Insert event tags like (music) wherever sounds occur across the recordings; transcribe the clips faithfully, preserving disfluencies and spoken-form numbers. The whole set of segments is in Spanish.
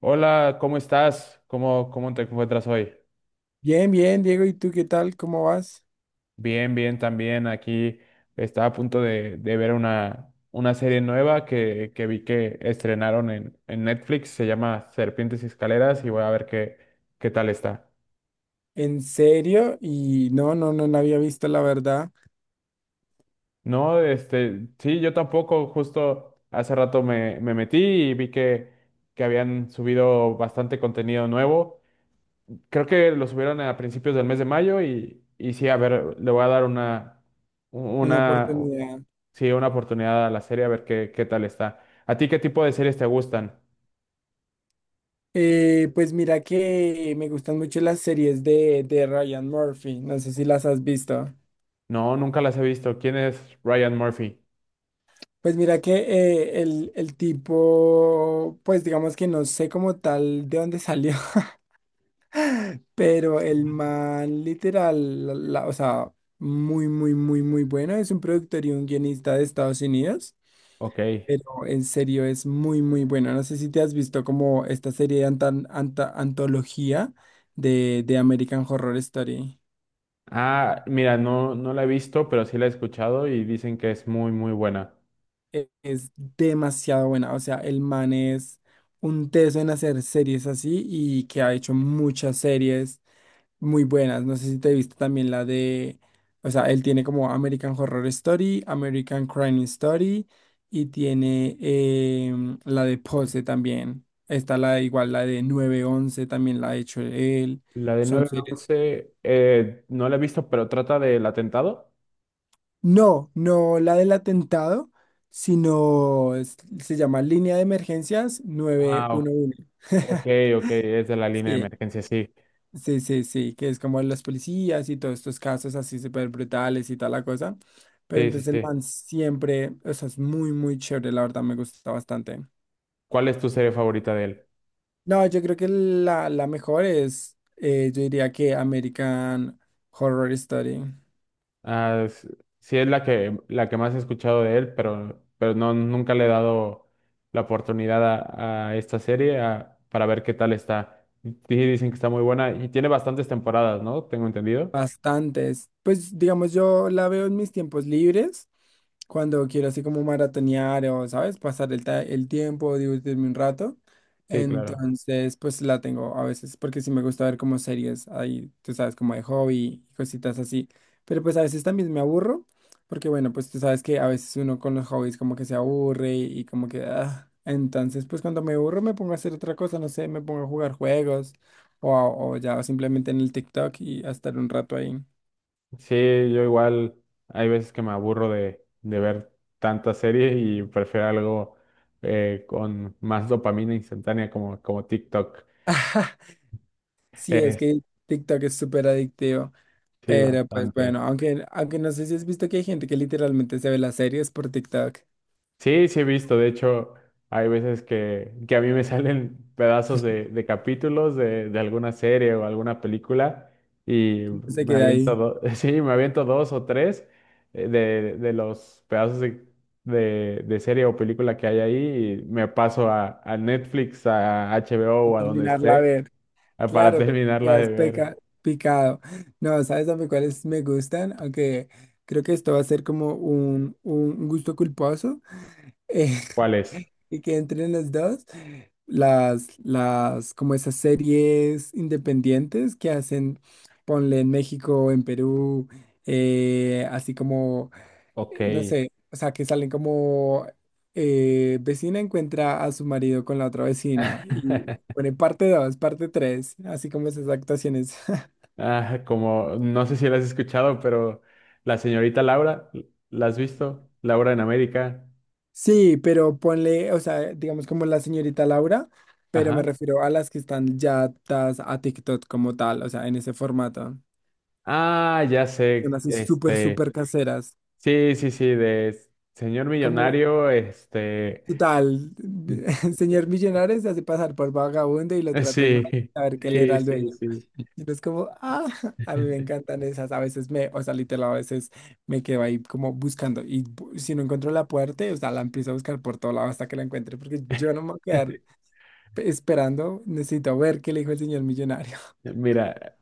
Hola, ¿cómo estás? ¿Cómo, cómo te encuentras hoy? Bien, bien, Diego, ¿y tú qué tal? ¿Cómo vas? Bien, bien, también. Aquí estaba a punto de, de ver una, una serie nueva que, que vi que estrenaron en, en Netflix. Se llama Serpientes y Escaleras y voy a ver qué, qué tal está. ¿En serio? Y no, no, no, no había visto la verdad, No, este, sí, yo tampoco. Justo hace rato me, me metí y vi que, que habían subido bastante contenido nuevo. Creo que lo subieron a principios del mes de mayo y, y sí, a ver, le voy a dar una una una, oportunidad. sí, una oportunidad a la serie a ver qué, qué tal está. ¿A ti qué tipo de series te gustan? Eh, pues mira que me gustan mucho las series de, de Ryan Murphy, no sé si las has visto. No, nunca las he visto. ¿Quién es Ryan Murphy? Pues mira que eh, el, el tipo, pues digamos que no sé como tal de dónde salió, (laughs) pero el man literal, la- la- o sea, muy, muy, muy, muy bueno, es un productor y un guionista de Estados Unidos. Ok. Pero en serio es muy, muy bueno. No sé si te has visto como esta serie de antan- anta- antología de, de American Horror Story. Ah, mira, no, no la he visto, pero sí la he escuchado y dicen que es muy, muy buena. E- Es demasiado buena. O sea, el man es un teso en hacer series así y que ha hecho muchas series muy buenas. No sé si te viste también la de, o sea, él tiene como American Horror Story, American Crime Story y tiene em, la de Pose también. Está la igual, la de nueve once también la ha hecho él. La de Son nueve series. 11 eh, no la he visto, pero trata del atentado. No, no la del atentado, sino es- se llama Línea de Emergencias Ah, o- nueve uno uno. ok, ok, es de la línea de Sí, emergencia, sí. sí, sí, sí, que es como los policías y todos estos casos así súper brutales y tal la cosa. Pero Sí, sí, entonces el sí. man siempre, o sea, es muy, muy chévere, la verdad me gusta bastante. ¿Cuál es tu serie favorita de él? No, yo creo que la, la mejor es, eh, yo diría que American Horror Story. Ah, s- sí es la que, la que más he escuchado de él, pero, pero no, nunca le he dado la oportunidad a, a esta serie a- para ver qué tal está. Sí dicen que está muy buena y tiene bastantes temporadas, ¿no? Tengo entendido. Bastantes. Pues digamos, yo la veo en mis tiempos libres cuando quiero así como maratonear o, ¿sabes? Pasar el, ta- el tiempo, divertirme un rato. Sí, claro. Entonces, pues la tengo a veces, porque sí me gusta ver como series ahí, tú sabes, como de hobby y cositas así. Pero pues a veces también me aburro, porque bueno, pues tú sabes que a veces uno con los hobbies como que se aburre y como que... ah. Entonces, pues cuando me aburro me pongo a hacer otra cosa, no sé, me pongo a jugar juegos o, a- o ya simplemente en el TikTok y a estar un rato ahí. Sí, yo igual hay veces que me aburro de, de ver tanta serie y prefiero algo eh, con más dopamina instantánea como, como TikTok. (laughs) Sí, es Eh, que TikTok es súper adictivo. sí, Pero pues bastante. bueno, aunque, aunque no sé si has visto que hay gente que literalmente se ve las series por TikTok, Sí, sí he visto. De hecho, hay veces que, que a mí me (laughs) salen pedazos de, de capítulos de, de alguna serie o alguna película y se me queda ahí aviento, do- (laughs) sí, me aviento dos o tres eh, de, de los pedazos de, de, de serie o película que hay ahí y me paso a, a Netflix, a HBO o a o a donde terminarla a esté ver. a- para (laughs) Claro, porque terminarla de quedas ver. peca- picado. No, ¿sabes a mí cuáles me gustan? Aunque creo que esto va a ser como un, un gusto culposo. (laughs) ¿Cuál es? Y que entren las dos, las, las, como esas series independientes que hacen, ponle en México, en Perú, eh, así como, Ok. eh, no sé, o sea, que salen como eh, vecina encuentra a su marido con la otra vecina y (laughs) pone parte dos parte tres así como esas actuaciones. (laughs) Ah, como, no sé si la has escuchado, pero la señorita Laura, ¿la has visto? Laura en América. Sí, pero ponle, o sea, digamos como la señorita Laura, pero me Ajá. refiero a las que están ya atadas a TikTok como tal, o sea, en ese formato. Ah, ya Son sé, así súper, este, súper caseras. sí, sí, sí, de señor Como, millonario, este, total, (laughs) (laughs) el señor millonario se hace pasar por vagabundo y lo tratan mal, sí, a ver qué le era sí, al sí, dueño. sí. Y es como, ah, (laughs) a mí me (laughs) encantan esas. A veces me, o sea, literal, a veces me quedo ahí como buscando. Y bu- si no encuentro la puerta, o sea, la empiezo a buscar por todo lado hasta que la encuentre, porque yo no me voy a quedar pe- esperando. Necesito ver qué le dijo el señor millonario. Mira,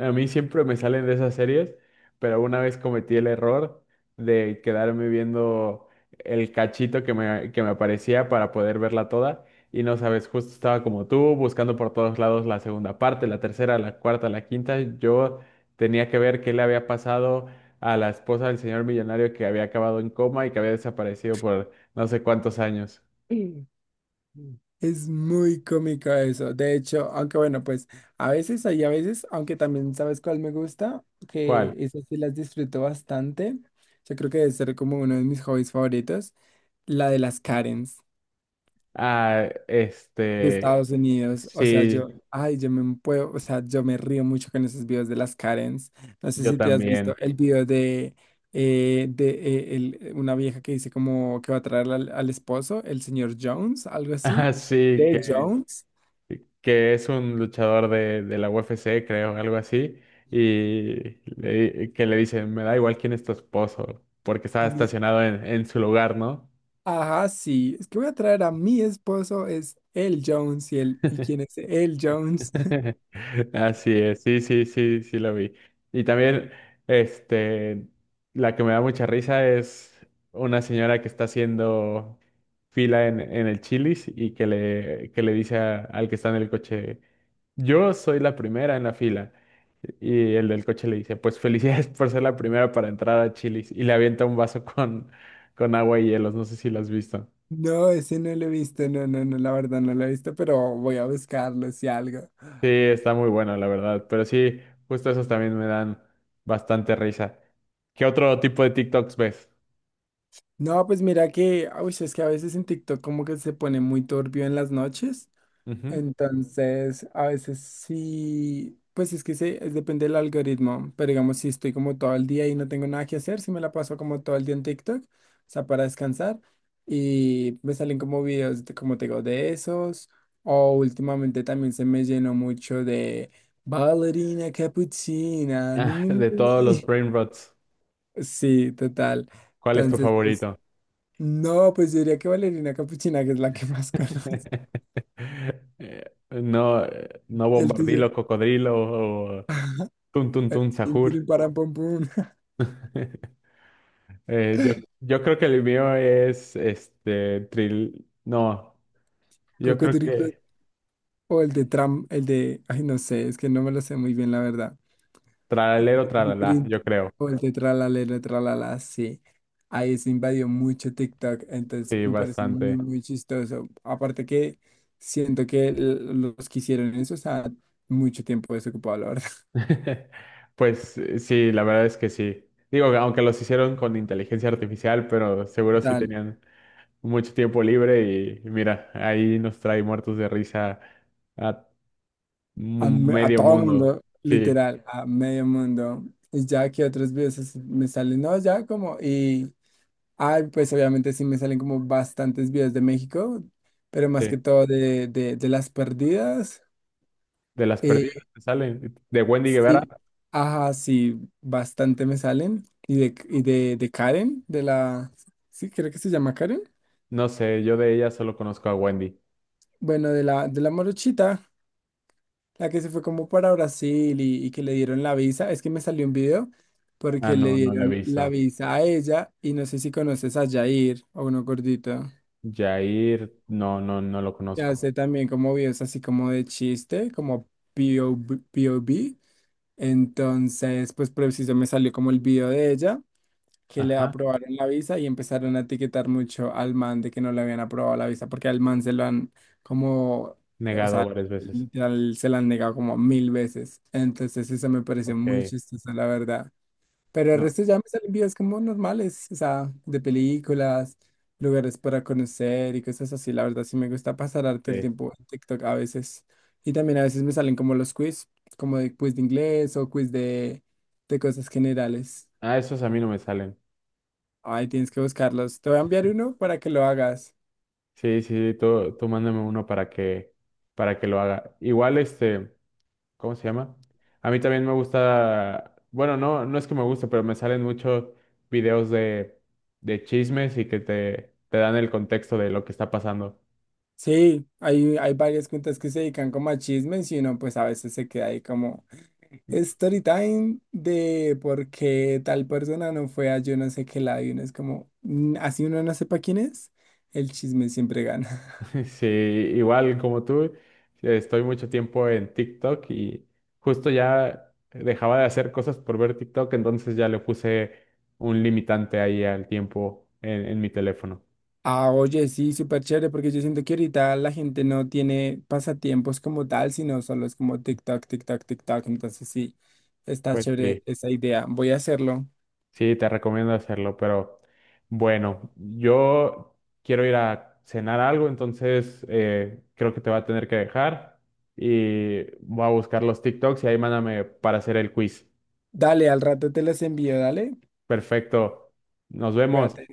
a mí siempre me salen de esas series, pero una vez cometí el error de quedarme viendo el cachito que me, que me aparecía para poder verla toda. Y no sabes, justo estaba como tú, buscando por todos lados la segunda parte, la tercera, la cuarta, la quinta. Yo tenía que ver qué le había pasado a la esposa del señor millonario que había acabado en coma y que había desaparecido por no sé cuántos años. (clears throat) (laughs) Es muy cómico eso. De hecho, aunque bueno, pues a veces hay a veces, aunque también sabes cuál me gusta, que ¿Cuál? esas sí las disfruto bastante. Yo creo que debe ser como uno de mis hobbies favoritos, la de las Karens Ah, de este, Estados Unidos. O sea, sí, yo, ay, yo me puedo, o sea, yo me río mucho con esos videos de las Karens. No sé yo si te has visto también. el video de, eh, de eh, el- una vieja que dice como que va a traer al, al esposo, el señor Jones, algo Ah, así, sí, de que, Jones. que es un luchador de, de la U F C, creo, algo así, y le- que le dicen, me da igual quién es tu esposo, porque estaba estacionado en, en su lugar, ¿no? Ajá, sí. Es que voy a traer a mi esposo, es el Jones. ¿Y, el, ¿y quién es (laughs) el Jones? (laughs) Así es, sí, sí, sí, sí lo vi. Y también, este, la que me da mucha risa es una señora que está haciendo fila en, en el Chili's y que le, que le dice a- al que está en el coche. Yo soy la primera en la fila. Y el del coche le dice, pues felicidades por ser la primera para entrar a Chili's. Y le avienta un vaso con, con agua y hielos. No sé si lo has visto. No, ese no lo he visto. No, no, no, la verdad no lo he visto, pero voy a buscarlo si algo. Sí, está muy bueno, la verdad. Pero sí, justo esos también me dan bastante risa. ¿Qué otro tipo de TikToks ves? No, pues mira que, uy, es que a veces en TikTok como que se pone muy turbio en las noches. Ujú. Entonces, a veces sí, pues es que se, es- depende del algoritmo, pero digamos, si estoy como todo el día y no tengo nada que hacer, si me la paso como todo el día en TikTok, o sea, para descansar, y me salen como videos, de- como te digo, de esos, o últimamente también se me llenó mucho de ballerina capuchina, mi, Ah, mi, mi, de mi, todos los mi". brain rots, Sí, total. ¿cuál es tu Entonces, pues, favorito? no, pues yo diría que ballerina capuchina, que es la que más (laughs) conozco, (laughs) Eh, No, eh, no y el tuyo. bombardilo, cocodrilo o (laughs) tun tun El tun tin, sahur. tirin, param, pum, pum, (laughs) (laughs) Eh, yo, yo creo que el mío es este tril. No, yo coco, creo tirillo, que o el de tram, el de, ay, no sé, es que no me lo sé muy bien, la verdad. tralalero, tralala, Tirin, yo creo. o el de tralalero, tralala, sí. Ahí se invadió mucho TikTok, entonces Sí, me parece muy, bastante. muy chistoso. Aparte que siento que l- los que hicieron eso estaban mucho tiempo desocupado la verdad. (laughs) (laughs) Pues eh, sí, la verdad es que sí. Digo, aunque los hicieron con inteligencia artificial, pero seguro sí Tal, tenían mucho tiempo libre y mira, ahí nos trae muertos de risa a a, mu- me- a medio todo el mundo. mundo, Sí, literal, a medio mundo. Y ya que otros videos así me salen, no, ya como, y... Ay, pues obviamente sí me salen como bastantes videos de México, pero más sí. que todo de, de, de las perdidas. De las Eh, perdidas que salen. De Wendy Guevara, sí, ajá, sí, bastante me salen. Y de, y de, de Karen, de la, sí, creo que se llama Karen. no sé, yo de ella solo conozco a Wendy. Bueno, de la, de la morochita, la que se fue como para Brasil y, y que le dieron la visa. Es que me salió un video Ah, porque le no, no la he dieron visto. la visa a ella y no sé si conoces a Jair o uno gordito. Jair, no, no, no lo Ya conozco. sé también como videos así como de chiste, como P O V. P O V. Entonces, pues preciso me salió como el video de ella, que le Ajá, aprobaron la visa y empezaron a etiquetar mucho al man de que no le habían aprobado la visa, porque al man se lo han como, o negado sea, varias veces. literal se lo han negado como mil veces. Entonces, eso me pareció muy Ok, chistoso, la verdad. Pero el no, resto ya me salen videos como normales, o sea, de películas, lugares para conocer y cosas así. La verdad, sí me gusta pasar harto el sí. tiempo en TikTok a veces. Y también a veces me salen como los quiz, como de quiz de inglés o quiz de, de cosas generales. Ah, esos a mí no me salen. Ahí tienes que buscarlos. Te voy a enviar uno para que lo hagas. Sí, sí, sí, tú, tú mándame uno para que, para que lo haga. Igual, este, ¿cómo se llama? A mí también me gusta, bueno, no, no es que me guste, pero me salen muchos videos de, de chismes y que te, te dan el contexto de lo que está pasando. Sí, hay, hay varias cuentas que se dedican como a chismes y uno pues a veces se queda ahí como... Story time de por qué tal persona no fue a yo no sé qué lado y uno es como, "Mm, así uno no sepa quién es, el chisme siempre gana. (laughs) (laughs) Sí, igual como tú, estoy mucho tiempo en TikTok y justo ya dejaba de hacer cosas por ver TikTok, entonces ya le puse un limitante ahí al tiempo en, en mi teléfono. Ah, oye, sí, súper chévere porque yo siento que ahorita la gente no tiene pasatiempos como tal, sino solo es como TikTok, TikTok, TikTok. Entonces sí, está Pues chévere sí, esa idea. Voy a hacerlo. sí, te recomiendo hacerlo, pero bueno, yo quiero ir a cenar algo, entonces eh, creo que te va a tener que dejar y voy a buscar los TikToks y ahí mándame para hacer el quiz. Dale, al rato te las envío, dale. Perfecto, nos vemos. Cuídate.